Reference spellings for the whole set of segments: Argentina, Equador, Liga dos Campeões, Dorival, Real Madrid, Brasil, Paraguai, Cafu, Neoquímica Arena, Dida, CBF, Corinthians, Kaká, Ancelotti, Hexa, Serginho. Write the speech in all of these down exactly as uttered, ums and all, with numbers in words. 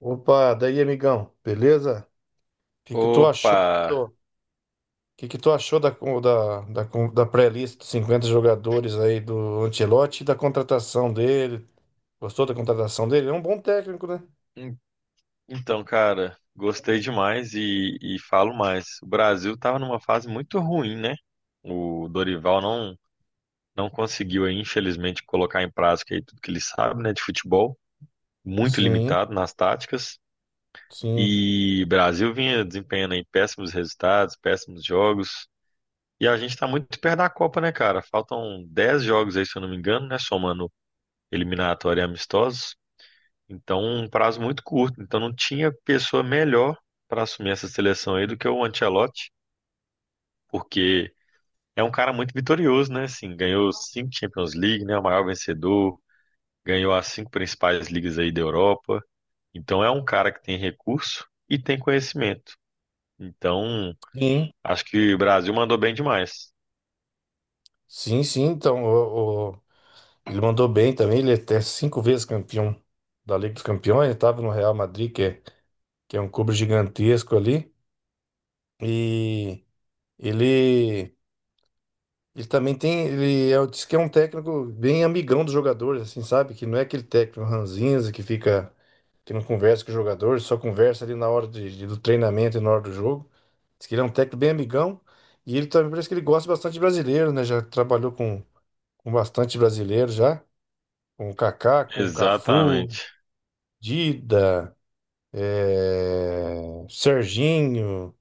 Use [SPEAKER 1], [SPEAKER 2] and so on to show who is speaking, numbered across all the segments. [SPEAKER 1] Opa, daí, amigão, beleza? O que que tu
[SPEAKER 2] Opa!
[SPEAKER 1] achou do, que que tu achou da con- da, da, con- da pré-lista dos cinquenta jogadores aí do Ancelotti e da contratação dele? Gostou da contratação dele? É um bom técnico, né?
[SPEAKER 2] En- Então, cara, gostei demais e, e falo mais. O Brasil estava numa fase muito ruim, né? O Dorival não, não conseguiu, aí, infelizmente, colocar em prática aí tudo que ele sabe, né, de futebol, muito
[SPEAKER 1] Sim,
[SPEAKER 2] limitado nas táticas.
[SPEAKER 1] sim,
[SPEAKER 2] E o Brasil vinha desempenhando aí péssimos resultados, péssimos jogos. E a gente está muito perto da Copa, né, cara? Faltam dez jogos aí, se eu não me engano, né? Somando eliminatória e amistosos. Então, um prazo muito curto. Então, não tinha pessoa melhor para assumir essa seleção aí do que o Ancelotti, porque é um cara muito vitorioso, né? Assim, ganhou cinco Champions League, né? O maior vencedor, ganhou as cinco principais ligas aí da Europa. Então, é um cara que tem recurso e tem conhecimento. Então,
[SPEAKER 1] sim,
[SPEAKER 2] acho que o Brasil mandou bem demais.
[SPEAKER 1] sim, sim. Então, o, o- ele mandou bem também. Ele é até cinco vezes campeão da Liga dos Campeões. Ele estava no Real Madrid, que é, que é um clube gigantesco ali. E ele Ele também tem, ele é, diz que é um técnico bem amigão dos jogadores, assim, sabe? Que não é aquele técnico ranzinza que fica, que não conversa com os jogadores, só conversa ali na hora de- de- do treinamento e na hora do jogo. Diz que ele é um técnico bem amigão e ele também parece que ele gosta bastante de brasileiro, né? Já trabalhou com, com bastante brasileiro já, com o Kaká, com o Cafu,
[SPEAKER 2] Exatamente,
[SPEAKER 1] Dida, eh, Serginho.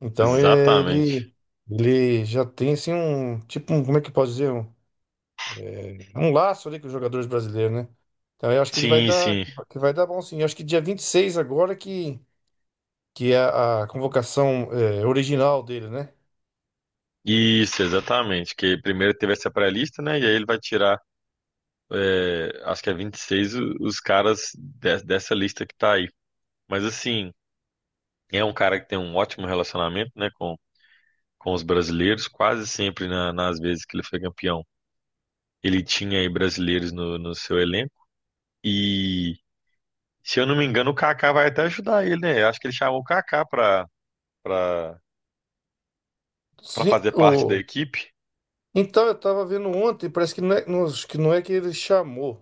[SPEAKER 1] Então é,
[SPEAKER 2] exatamente.
[SPEAKER 1] ele, ele já tem assim um, tipo, um, como é que eu posso dizer? Um É um laço ali com os jogadores brasileiros, né? Então eu acho que ele vai
[SPEAKER 2] Sim,
[SPEAKER 1] dar,
[SPEAKER 2] sim.
[SPEAKER 1] que vai dar bom sim. Eu acho que dia vinte e seis agora que, que é a a convocação é, original dele, né?
[SPEAKER 2] Isso, exatamente. Que primeiro teve essa pré-lista, né? E aí ele vai tirar é, acho que é vinte e seis o- os caras de- dessa lista que tá aí. Mas assim, é um cara que tem um ótimo relacionamento, né, com, com os brasileiros, quase sempre na- nas vezes que ele foi campeão. Ele tinha aí brasileiros no, no seu elenco. E, se eu não me engano, o Kaká vai até ajudar ele, né? Eu Acho que ele chamou o Kaká pra, pra, pra
[SPEAKER 1] Sim,
[SPEAKER 2] fazer parte da
[SPEAKER 1] o...
[SPEAKER 2] equipe.
[SPEAKER 1] Então eu tava vendo ontem, parece que não é, não, acho que não é que ele chamou,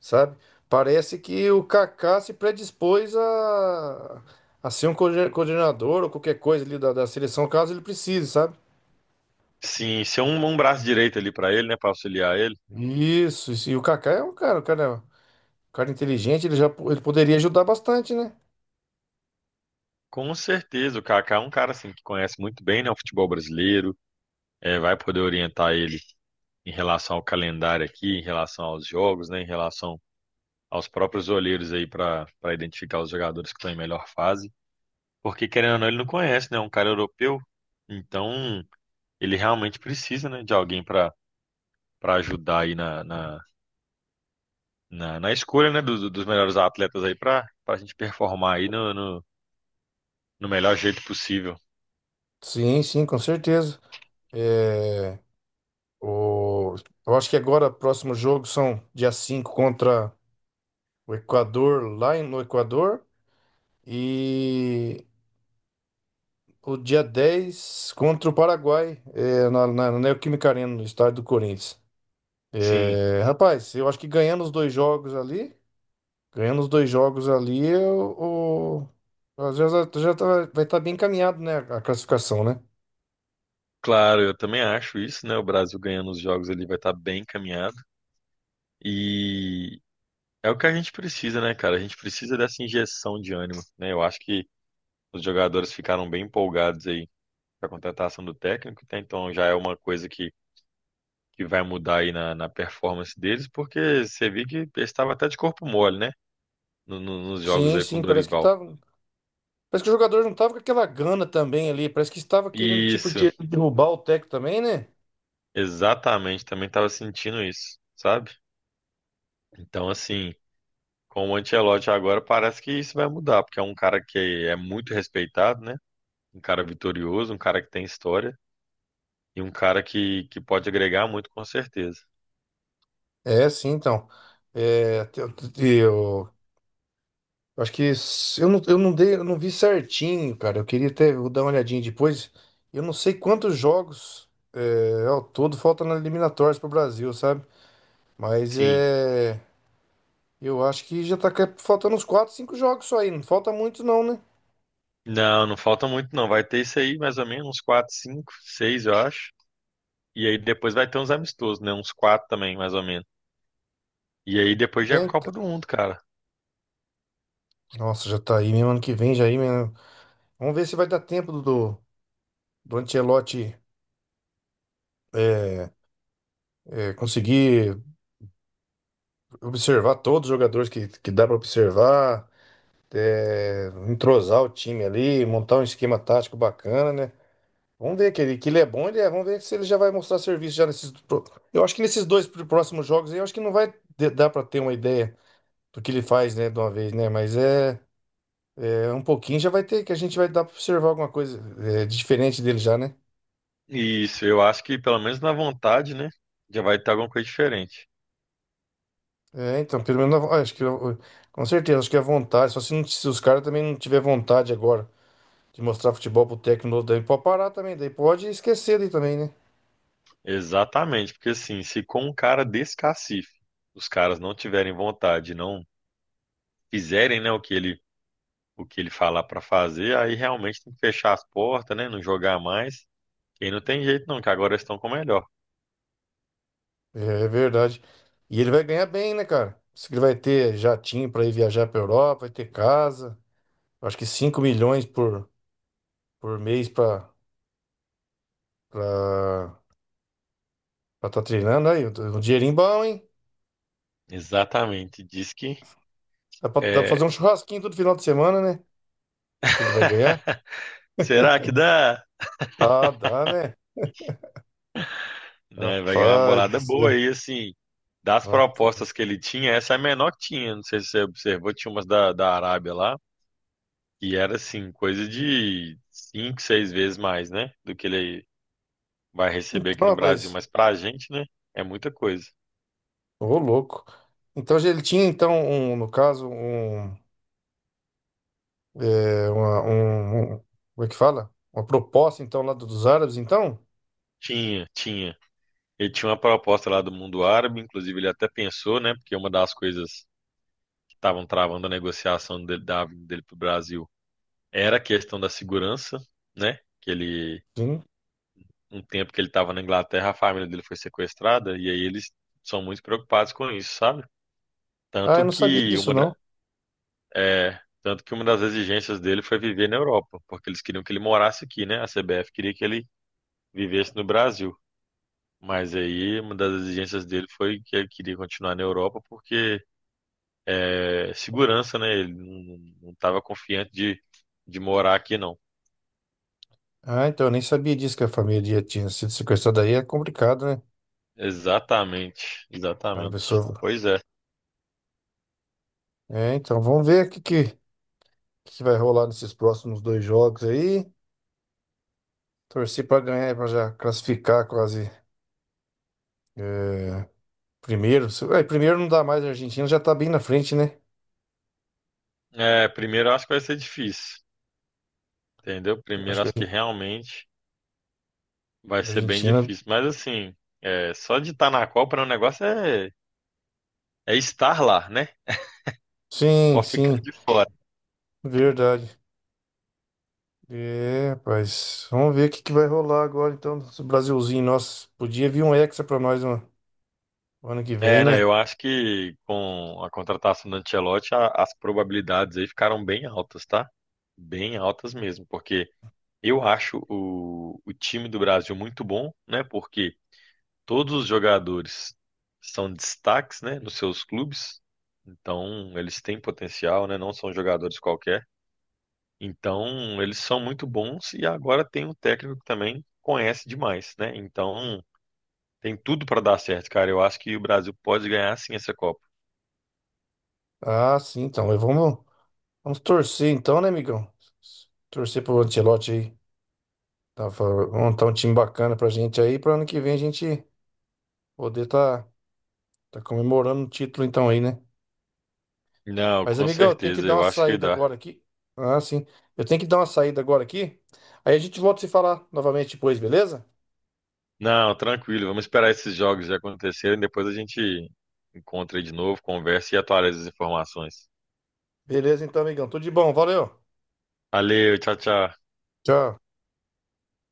[SPEAKER 1] sabe? Parece que o Kaká se predispôs a, a ser um coorden- coordenador ou qualquer coisa ali da, da seleção, caso ele precise, sabe?
[SPEAKER 2] Sim, ser um, um braço direito ali pra ele, né, pra auxiliar ele.
[SPEAKER 1] Isso, isso. E o Kaká é um cara, um cara, é um cara inteligente, ele já po- ele poderia ajudar bastante, né?
[SPEAKER 2] Com certeza, o Kaká é um cara assim que conhece muito bem, né, o futebol brasileiro, é, vai poder orientar ele em relação ao calendário aqui, em relação aos jogos, né, em relação aos próprios olheiros aí para para identificar os jogadores que estão em melhor fase, porque querendo ou não, ele não conhece, né, é um cara europeu, então ele realmente precisa, né, de alguém para para ajudar aí na, na, na, na escolha, né, dos, dos melhores atletas aí para para a gente performar aí no, no, no melhor jeito possível.
[SPEAKER 1] Sim, sim, com certeza. É, o, eu acho que agora o próximo jogo são dia cinco contra o Equador, lá em- no Equador, e o dia dez contra o Paraguai, é, na, na, na Neoquímica Arena, no estádio do Corinthians.
[SPEAKER 2] Sim.
[SPEAKER 1] É, rapaz, eu acho que ganhando os dois jogos ali, ganhando os dois jogos ali, o o- já, já tá- vai estar bem encaminhado, né, a classificação, né?
[SPEAKER 2] Claro, eu também acho isso, né? O Brasil ganhando os jogos ele vai estar bem encaminhado. E, É o que a gente precisa, né, cara? A gente precisa dessa injeção de ânimo, né? Eu acho que os jogadores ficaram bem empolgados aí com a contratação do técnico, tá? Então já é uma coisa que, que vai mudar aí na, na performance deles, porque você viu que ele estava até de corpo mole, né? No- no- nos jogos
[SPEAKER 1] Sim,
[SPEAKER 2] aí com o
[SPEAKER 1] sim, parece que
[SPEAKER 2] Dorival.
[SPEAKER 1] tá. Parece que o jogador não tava com aquela gana também ali. Parece que estava querendo, tipo,
[SPEAKER 2] Isso,
[SPEAKER 1] de derrubar o técnico também, né?
[SPEAKER 2] exatamente, também estava sentindo isso, sabe? Então, assim, com o Ancelotti agora parece que isso vai mudar, porque é um cara que é muito respeitado, né? Um cara vitorioso, um cara que tem história. E um cara que, que pode agregar muito, com certeza.
[SPEAKER 1] É, sim, então. É, te- te- te- eu, acho que s- eu não, eu não dei, eu não vi certinho, cara. Eu queria até vou dar uma olhadinha depois. Eu não sei quantos jogos é, ao todo faltam na eliminatórias pro Brasil, sabe? Mas
[SPEAKER 2] Sim.
[SPEAKER 1] é, eu acho que já tá ca- faltando uns quatro, cinco jogos só aí. Não falta muito, não, né?
[SPEAKER 2] Não, não falta muito, não. Vai ter isso aí, mais ou menos, uns quatro, cinco, seis, eu acho. E aí depois vai ter uns amistosos, né? Uns quatro também, mais ou menos. E aí depois já é
[SPEAKER 1] É,
[SPEAKER 2] a
[SPEAKER 1] então.
[SPEAKER 2] Copa do Mundo, cara.
[SPEAKER 1] Nossa, já tá aí mesmo ano que vem, já aí mesmo. Vamos ver se vai dar tempo do, do do Ancelotti É, é, conseguir observar todos os jogadores que, que dá para observar, é, entrosar o time ali, montar um esquema tático bacana, né? Vamos ver que ele, que ele é bom, ele é, vamos ver se ele já vai mostrar serviço já nesses. pro- Eu acho que nesses dois pr- próximos jogos aí, eu acho que não vai de- dar para ter uma ideia do que ele faz, né, de uma vez, né? Mas é, é um pouquinho já vai ter, que a gente vai dar para observar alguma coisa é, diferente dele já, né?
[SPEAKER 2] Isso, eu acho que pelo menos na vontade, né? Já vai ter alguma coisa diferente.
[SPEAKER 1] É, então, pelo menos, eu acho que eu- com certeza, acho que é vontade, só se, não- se os caras também não tiver vontade agora de mostrar futebol pro técnico novo, daí pode parar também, daí pode esquecer daí também, né?
[SPEAKER 2] Exatamente, porque assim, se com um cara desse cacife, os caras não tiverem vontade, não fizerem, né, o que ele, o que ele falar pra fazer, aí realmente tem que fechar as portas, né? Não jogar mais. E não tem jeito não, que agora estão com o melhor.
[SPEAKER 1] É, é verdade. E ele vai ganhar bem, né, cara? Diz que ele vai ter jatinho pra ir viajar pra Europa, vai ter casa. Acho que cinco milhões por, por mês pra estar pra, tá treinando aí. Um dinheirinho bom, hein?
[SPEAKER 2] Exatamente. Diz que
[SPEAKER 1] Dá pra, dá pra fazer um
[SPEAKER 2] é,
[SPEAKER 1] churrasquinho todo final de semana, né? Que ele vai ganhar.
[SPEAKER 2] será que dá?
[SPEAKER 1] Ah, dá, né?
[SPEAKER 2] Né? Vai ganhar uma
[SPEAKER 1] Rapaz do
[SPEAKER 2] bolada boa
[SPEAKER 1] céu.
[SPEAKER 2] e assim, das
[SPEAKER 1] Rapaz.
[SPEAKER 2] propostas que ele tinha, essa é a menor que tinha. Não sei se você observou, tinha umas da, da Arábia lá, e era assim, coisa de cinco, seis vezes mais, né? Do que ele vai receber aqui
[SPEAKER 1] Então,
[SPEAKER 2] no Brasil.
[SPEAKER 1] rapaz.
[SPEAKER 2] Mas pra gente, né? É muita coisa.
[SPEAKER 1] Ô, louco. Então, ele tinha, então, um, no caso, um, É uma, um, um- como é que fala? Uma proposta, então, lá do- dos árabes, então?
[SPEAKER 2] Tinha, tinha. Ele tinha uma proposta lá do mundo árabe, inclusive ele até pensou, né? Porque uma das coisas estavam travando a negociação dele, da vinda dele para o Brasil era a questão da segurança, né? Que ele,
[SPEAKER 1] Sim.
[SPEAKER 2] um tempo que ele estava na Inglaterra, a família dele foi sequestrada e aí eles são muito preocupados com isso, sabe?
[SPEAKER 1] Ah, eu
[SPEAKER 2] Tanto
[SPEAKER 1] não sabia
[SPEAKER 2] que
[SPEAKER 1] disso,
[SPEAKER 2] uma,
[SPEAKER 1] não.
[SPEAKER 2] da- é, Tanto que uma das exigências dele foi viver na Europa, porque eles queriam que ele morasse aqui, né? A C B F queria que ele vivesse no Brasil. Mas aí uma das exigências dele foi que ele queria continuar na Europa porque é, segurança, né? Ele não estava confiante de, de morar aqui, não.
[SPEAKER 1] Ah, então, eu nem sabia disso, que a família tinha sido sequestrada aí. É complicado, né?
[SPEAKER 2] Exatamente,
[SPEAKER 1] Ah, a
[SPEAKER 2] exatamente.
[SPEAKER 1] pessoa...
[SPEAKER 2] Pois é.
[SPEAKER 1] É, então, vamos ver o que, que, que vai rolar nesses próximos dois jogos aí. Torcer para ganhar, para já classificar quase é, primeiro. Se- é, primeiro não dá mais, a Argentina já tá bem na frente, né?
[SPEAKER 2] É, primeiro eu acho que vai ser difícil, entendeu?
[SPEAKER 1] Eu
[SPEAKER 2] Primeiro
[SPEAKER 1] acho
[SPEAKER 2] eu
[SPEAKER 1] que
[SPEAKER 2] acho que realmente vai
[SPEAKER 1] a
[SPEAKER 2] ser bem
[SPEAKER 1] Argentina...
[SPEAKER 2] difícil. Mas assim, é, só de estar na Copa né, o negócio é, é estar lá, né?
[SPEAKER 1] Sim,
[SPEAKER 2] Pode ficar
[SPEAKER 1] sim,
[SPEAKER 2] de fora.
[SPEAKER 1] verdade. É, rapaz. Vamos ver o que que vai rolar agora, então, desse Brasilzinho. Nossa, podia vir um Hexa pra nós no no ano que vem,
[SPEAKER 2] É, não,
[SPEAKER 1] né?
[SPEAKER 2] eu acho que com a contratação do Ancelotti, a- as probabilidades aí ficaram bem altas, tá? Bem altas mesmo, porque eu acho o, o time do Brasil muito bom, né? Porque Todos os jogadores são destaques, né, nos seus clubes. Então, eles têm potencial, né? Não são jogadores qualquer. Então, eles são muito bons e agora tem um técnico que também conhece demais, né? Então, tem tudo para dar certo, cara. Eu acho que o Brasil pode ganhar sim essa Copa.
[SPEAKER 1] Ah, sim, então. Mas Vamos, vamos torcer, então, né, amigão? Torcer pro Ancelotti aí. Tá, fa- montar um time bacana pra gente aí, pra ano que vem a gente poder tá, tá comemorando o título, então, aí, né?
[SPEAKER 2] Não,
[SPEAKER 1] Mas,
[SPEAKER 2] com
[SPEAKER 1] amigão, eu tenho que
[SPEAKER 2] certeza,
[SPEAKER 1] dar uma
[SPEAKER 2] eu acho que
[SPEAKER 1] saída
[SPEAKER 2] dá.
[SPEAKER 1] agora aqui. Ah, sim. Eu tenho que dar uma saída agora aqui. Aí a gente volta a se falar novamente depois, beleza?
[SPEAKER 2] Não, tranquilo, vamos esperar esses jogos acontecerem, depois a gente encontra aí de novo, conversa e atualiza as informações.
[SPEAKER 1] Beleza, então, amigão. Tudo de bom. Valeu.
[SPEAKER 2] Valeu, tchau, tchau.
[SPEAKER 1] Tchau.